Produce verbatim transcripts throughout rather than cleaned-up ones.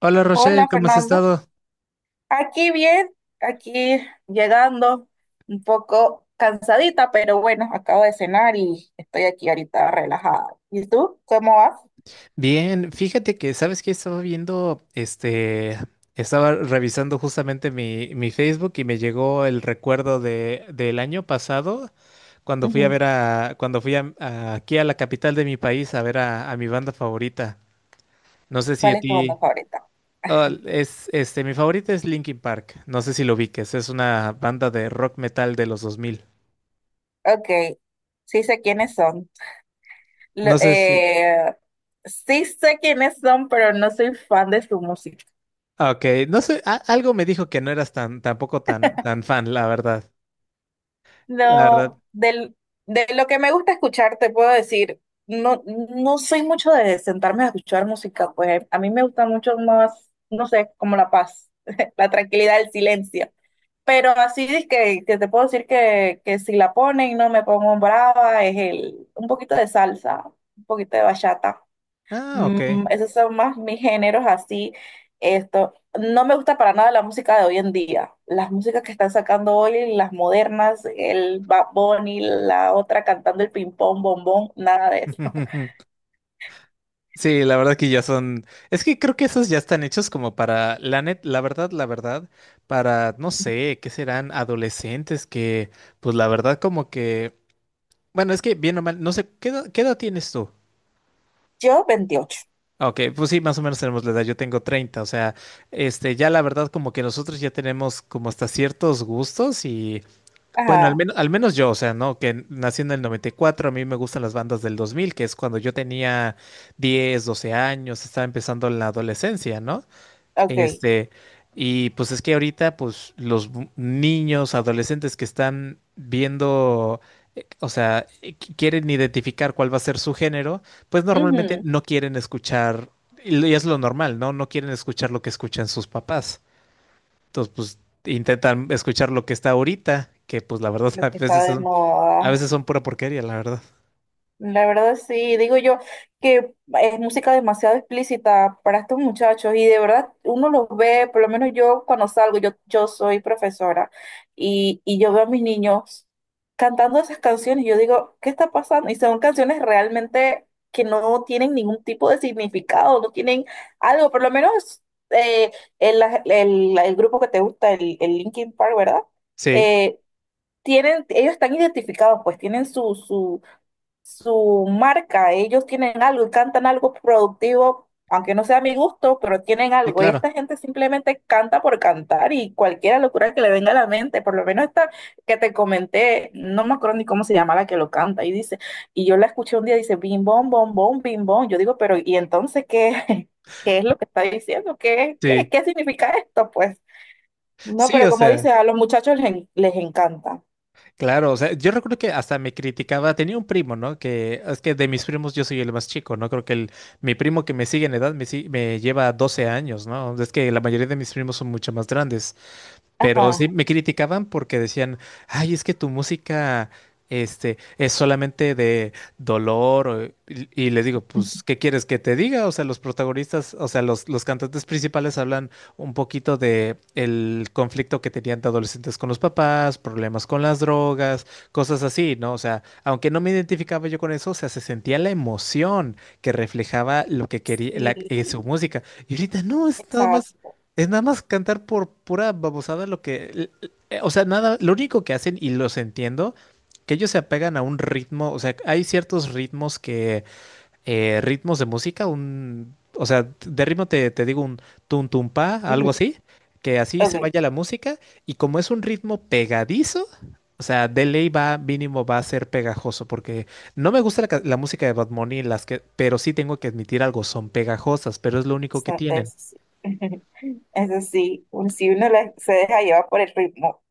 Hola Rochelle, Hola ¿cómo has Fernando, estado? aquí bien, aquí llegando un poco cansadita, pero bueno, acabo de cenar y estoy aquí ahorita relajada. ¿Y tú? ¿Cómo vas? Bien, fíjate que, ¿sabes qué? Estaba viendo, este, estaba revisando justamente mi, mi Facebook y me llegó el recuerdo de, del año pasado, cuando fui a Ujú. ver a, cuando fui a- a- aquí a la capital de mi país a ver a, a mi banda favorita. No sé si a ¿Cuál es tu ti, banda favorita? oh, es, este, mi favorita es Linkin Park, no sé si lo ubiques, es una banda de rock metal de los dos mil. Ok, sí sé quiénes son. Lo- No sé si, eh, sí sé quiénes son, pero no soy fan de su música. ah, ok, no sé, a- algo me dijo que no eras tan, tampoco tan, tan fan, la verdad. La verdad. No, del, De lo que me gusta escuchar, te puedo decir, no, no soy mucho de sentarme a escuchar música, pues a mí me gusta mucho más, no sé, como la paz, la tranquilidad, el silencio. Pero así es que, que te puedo decir que, que si la ponen, no me pongo brava, es el, un poquito de salsa, un poquito de bachata. Ah, ok. Mm, esos son más mis géneros así. Esto, no me gusta para nada la música de hoy en día. Las músicas que están sacando hoy, las modernas, el Bad Bunny, la otra cantando el ping pong, bombón, nada de eso. Sí, la verdad que ya son. Es que creo que esos ya están hechos como para, la net, la verdad, la verdad, para, no sé, ¿qué serán? Adolescentes que, pues la verdad, como que. Bueno, es que bien o mal, no sé, ¿qué edad, qué edad tienes tú? Yo veintiocho. Ah, ok, pues sí, más o menos tenemos la edad. Yo tengo treinta, o sea, este, ya la verdad, como que nosotros ya tenemos como hasta ciertos gustos y bueno, al Ajá, menos, al menos yo, o sea, ¿no? Que nací en el noventa y cuatro, a mí me gustan las bandas del dos mil, que es cuando yo tenía diez, doce años, estaba empezando la adolescencia, ¿no? ok. Este, y pues es que ahorita, pues los bu- niños, adolescentes que están viendo, eh, o sea, eh, qui- quieren identificar cuál va a ser su género, pues normalmente Ujú. no quieren escuchar, y lo- y es lo normal, ¿no? No quieren escuchar lo que escuchan sus papás. Entonces, pues intentan escuchar lo que está ahorita, que pues la verdad Lo a que está veces de son, a moda. veces son pura porquería, la verdad. La verdad sí, digo yo que es música demasiado explícita para estos muchachos y de verdad uno los ve, por lo menos yo cuando salgo, yo, yo soy profesora y, y yo veo a mis niños cantando esas canciones y yo digo, ¿qué está pasando? Y son canciones realmente que no tienen ningún tipo de significado, no tienen algo, por lo menos eh, el, el- el grupo que te gusta, el, el Linkin Park, ¿verdad? Sí, Eh, Tienen, ellos están identificados, pues tienen su, su su marca, ellos tienen algo y cantan algo productivo, aunque no sea a mi gusto, pero tienen sí, algo. Y claro. esta gente simplemente canta por cantar y cualquier locura que le venga a la mente, por lo menos esta que te comenté, no me acuerdo ni cómo se llama la que lo canta, y dice, y yo la escuché un día, dice, bim, bom, bom, bom, bim, bom. Yo digo, pero ¿y entonces qué, qué es lo que está diciendo? ¿Qué, qué, Sí, ¿qué significa esto? Pues no, sí, pero o como dice, sea, a los muchachos les, en- les encanta. claro, o sea, yo recuerdo que hasta me criticaba, tenía un primo, ¿no? Que es que de mis primos yo soy el más chico, ¿no? Creo que el, mi primo que me sigue en edad me, si- me lleva doce años, ¿no? Es que la mayoría de mis primos son mucho más grandes. Pero sí, Ajá. me criticaban porque decían, ay, es que tu música, este, es solamente de dolor. o- Y, y les digo, pues, ¿qué quieres que te diga? O sea, los protagonistas, o sea, los, los cantantes principales hablan un poquito de el conflicto que tenían de adolescentes con los papás, problemas con las drogas, cosas así, ¿no? O sea, aunque no me identificaba yo con eso, o sea, se sentía la emoción que reflejaba lo que quería, Sí, la- eh, su música. Y ahorita no, es nada más exacto. es nada más cantar por pura babosada lo que, l- l- eh, o sea, nada, lo único que hacen, y los entiendo, que ellos se apegan a un ritmo, o sea, hay ciertos ritmos que, eh, ritmos de música, un, o sea, de ritmo te, te digo un tum tum pa, algo así, que así se Ok, vaya la música, y como es un ritmo pegadizo, o sea, de ley va, mínimo va a ser pegajoso, porque no me gusta la, ca- la música de Bad Bunny, las que, pero sí tengo que admitir algo, son pegajosas, pero es lo único que está- tienen. eso sí. Eso sí, un- si uno la- se deja llevar por el ritmo,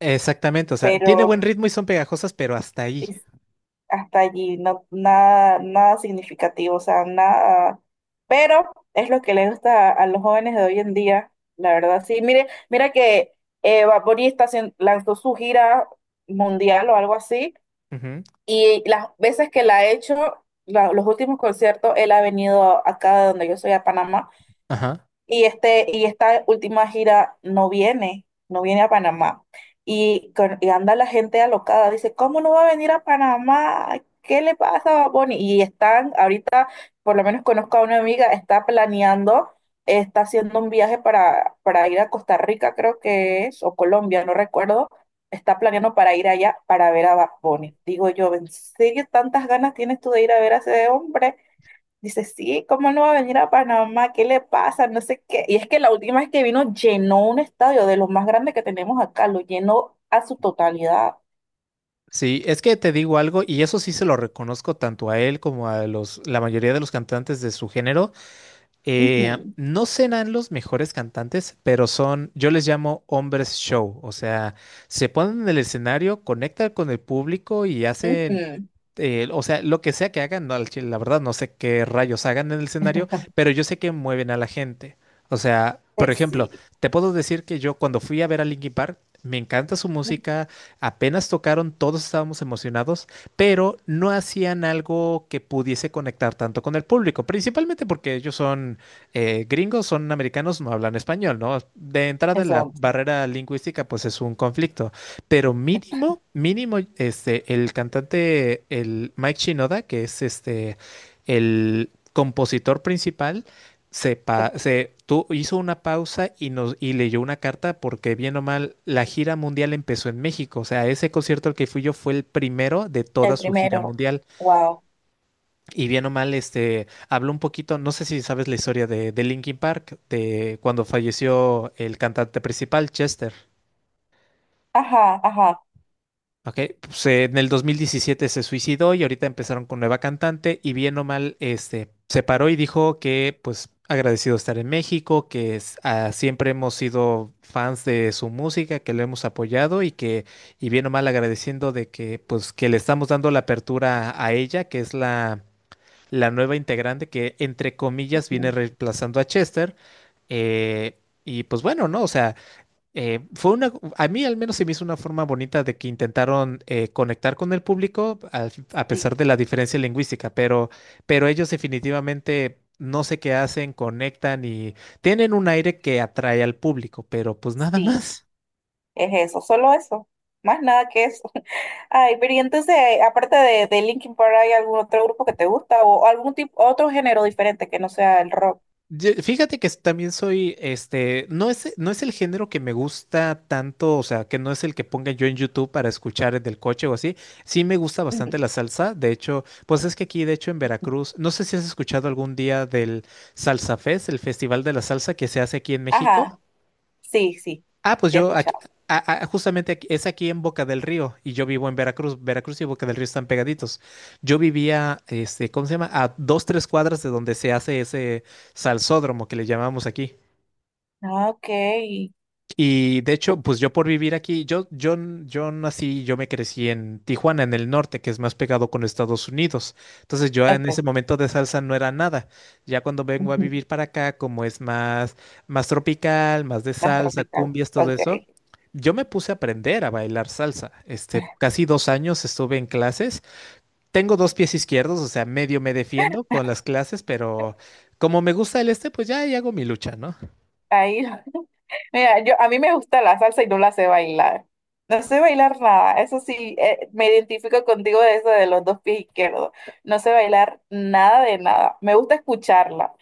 Exactamente, o sea, tiene buen pero ritmo y son pegajosas, pero hasta ahí. es- hasta allí no, nada, nada significativo, o sea, nada. Pero es lo que le gusta a, a los jóvenes de hoy en día, la verdad. Sí, mire, mira que eh, Bad Bunny está haciendo- lanzó su gira mundial o algo así, Ujú, y las veces que la ha hecho, la- los últimos conciertos, él ha venido acá de donde yo soy, a Panamá. ajá. Y, este, y esta última gira no viene, no viene a Panamá. Y, con- y anda la gente alocada, dice, ¿cómo no va a venir a Panamá? ¿Qué le pasa a Bad Bunny?". Y están, ahorita, por lo menos conozco a una amiga, está planeando, está haciendo un viaje para, para ir a Costa Rica, creo que es, o Colombia, no recuerdo. Está planeando para ir allá para ver a Bad Bunny. Digo yo, ¿en serio tantas ganas tienes tú de ir a ver a ese hombre? Dice, sí, ¿cómo no va a venir a Panamá? ¿Qué le pasa? No sé qué. Y es que la última vez que vino llenó un estadio de los más grandes que tenemos acá, lo llenó a su totalidad. Sí, es que te digo algo, y eso sí se lo reconozco tanto a él como a los, la mayoría de los cantantes de su género. Eh, Ujú, no serán los mejores cantantes, pero son, yo les llamo hombres show. O sea, se ponen en el escenario, conectan con el público y hacen ujú. eh, o sea, lo que sea que hagan, no, al chile, la verdad no sé qué rayos hagan en el escenario, pero yo sé que mueven a la gente. O sea, Eh, por ejemplo, Sí, te puedo decir que yo cuando fui a ver a Linkin Park, me encanta su música, apenas tocaron, todos estábamos emocionados, pero no hacían algo que pudiese conectar tanto con el público, principalmente porque ellos son eh, gringos, son americanos, no hablan español, ¿no? De entrada la exacto. barrera lingüística pues es un conflicto. Pero mínimo, mínimo, este, el cantante, el Mike Shinoda, que es este, el compositor principal, se, pa- Ok. se tu- hizo una pausa y nos y leyó una carta porque bien o mal la gira mundial empezó en México. O sea, ese concierto al que fui yo fue el primero de toda El su gira primero, mundial. wow. Y bien o mal, este, habló un poquito, no sé si sabes la historia de, de Linkin Park, de cuando falleció el cantante principal, Chester. Ajá, ajá. Ok, pues, eh, en el dos mil diecisiete se suicidó y ahorita empezaron con nueva cantante y bien o mal, este, se paró y dijo que pues agradecido estar en México, que es- ah, siempre hemos sido fans de su música, que lo hemos apoyado y que, y bien o mal agradeciendo de que pues que le estamos dando la apertura a ella, que es la, la nueva integrante que entre comillas viene Ujú. reemplazando a Chester. Eh, y pues bueno, ¿no? O sea eh, fue una, a mí al menos se me hizo una forma bonita de que intentaron eh, conectar con el público al- a pesar Sí, de la diferencia lingüística, pero, pero ellos definitivamente no sé qué hacen, conectan y tienen un aire que atrae al público, pero pues nada sí, más. es eso, solo eso. Más nada que eso. Ay, pero y entonces, aparte de, de Linkin Park, ¿hay algún otro grupo que te gusta o algún tipo, otro género diferente que no sea el rock? Ye- Fíjate que también soy, este, no es, eh, no es el género que me gusta tanto, o sea, que no es el que ponga yo en YouTube para escuchar en el coche o así. Sí me gusta Ujú. bastante la salsa. De hecho, pues es que aquí, de hecho, en Veracruz, no sé si has escuchado algún día del Salsa Fest, el Festival de la Salsa que se hace aquí en México. Ajá. Sí, sí, Ah, pues sí he yo aquí- escuchado. a- a- justamente aquí- es aquí en Boca del Río y yo vivo en Veracruz. Veracruz y Boca del Río están pegaditos. Yo vivía, este, ¿cómo se llama? A dos, tres cuadras de donde se hace ese salsódromo que le llamamos aquí. Ah, ok, Y de hecho, pues yo por vivir aquí, yo, yo, n- yo nací, yo me crecí en Tijuana, en el norte, que es más pegado con Estados Unidos. Entonces yo en ese ok, momento de salsa no era nada. Ya cuando vengo a ujú. vivir para acá, como es más, más tropical, más de Más salsa, tropical, cumbias, todo ok. eso, yo me puse a aprender a bailar salsa. Este, casi dos años estuve en clases. Tengo dos pies izquierdos, o sea, medio me defiendo con las clases, pero como me gusta el este, pues ya ahí hago mi lucha, ¿no? Ahí, mira, yo, a mí me gusta la salsa y no la sé bailar. No sé bailar nada, eso sí, eh, me identifico contigo de eso de los dos pies izquierdos. No sé bailar nada de nada. Me gusta escucharla.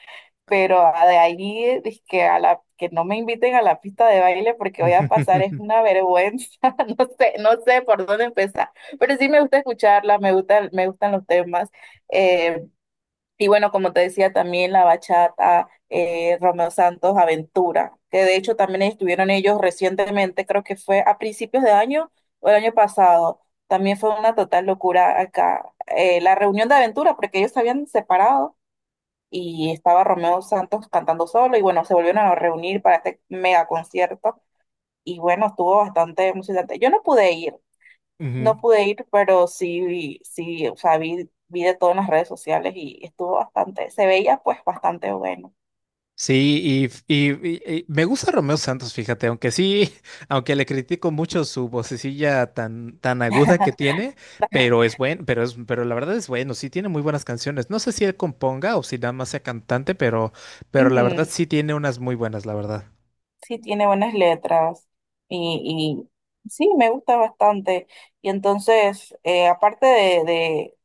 Pero a- de ahí que a la que no me inviten a la pista de baile porque voy a pasar es una vergüenza, no sé, no sé por dónde empezar, pero sí me gusta escucharla, me gusta, me gustan los temas. Eh, y bueno, como te decía, también la bachata, eh, Romeo Santos, Aventura, que de hecho también estuvieron ellos recientemente, creo que fue a principios de año o el año pasado. También fue una total locura acá, eh, la reunión de Aventura, porque ellos se habían separado y estaba Romeo Santos cantando solo y bueno, se volvieron a reunir para este mega concierto y bueno, estuvo bastante emocionante. Yo no pude ir, Ujú. no pude ir, pero sí, vi- sí, o sea, vi, vi de todo en las redes sociales y estuvo bastante, se veía pues bastante bueno. Sí, y, y- y- y me gusta Romeo Santos, fíjate, aunque sí, aunque le critico mucho su vocecilla tan, tan aguda que tiene, pero es bueno, pero es, pero la verdad es bueno, sí tiene muy buenas canciones. No sé si él componga o si nada más sea cantante, pero, pero la verdad Ujú, sí tiene unas muy buenas, la verdad. sí, tiene buenas letras y, y sí, me gusta bastante. Y entonces, eh, aparte de, de,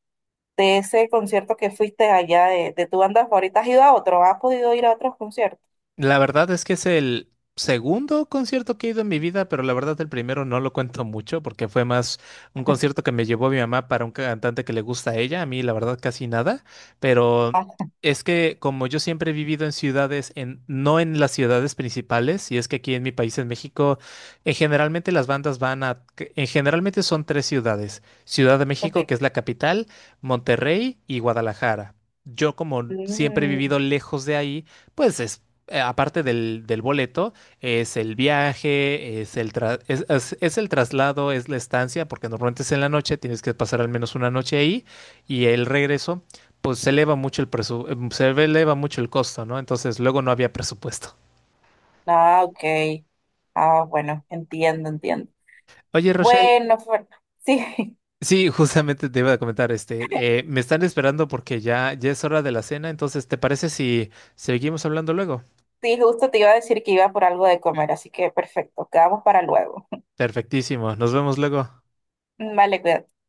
de ese concierto que fuiste allá de, de tu banda favorita, ¿has ido a otro? ¿Has podido ir a otros conciertos? La verdad es que es el segundo concierto que he ido en mi vida, pero la verdad el primero no lo cuento mucho porque fue más un concierto que me llevó mi mamá para un cantante que le gusta a ella, a mí la verdad casi nada, pero es que como yo siempre he vivido en ciudades, en, no en las ciudades principales, y es que aquí en mi país, en México, eh, generalmente las bandas van a, que- en generalmente son tres ciudades, Ciudad de México, Ok. que es la capital, Monterrey y Guadalajara. Yo como siempre he Mm, vivido lejos de ahí, pues es eh, aparte del, del boleto, es el viaje, es el, tra- es, es- es el traslado, es la estancia, porque normalmente es en la noche, tienes que pasar al menos una noche ahí, y el regreso, pues se eleva mucho el presu- em, se eleva mucho el costo, ¿no? Entonces luego no había presupuesto. ah, ok. Ah, bueno, entiendo, entiendo. Oye, Rochelle, Bueno, Fer- sí, sí, justamente te iba a comentar, este, eh, me están esperando porque ya, ya es hora de la cena, entonces, ¿te parece si seguimos hablando luego? sí, justo te iba a decir que iba por algo de comer, así que perfecto, quedamos para luego. Perfectísimo, nos vemos luego. Vale, cuídate.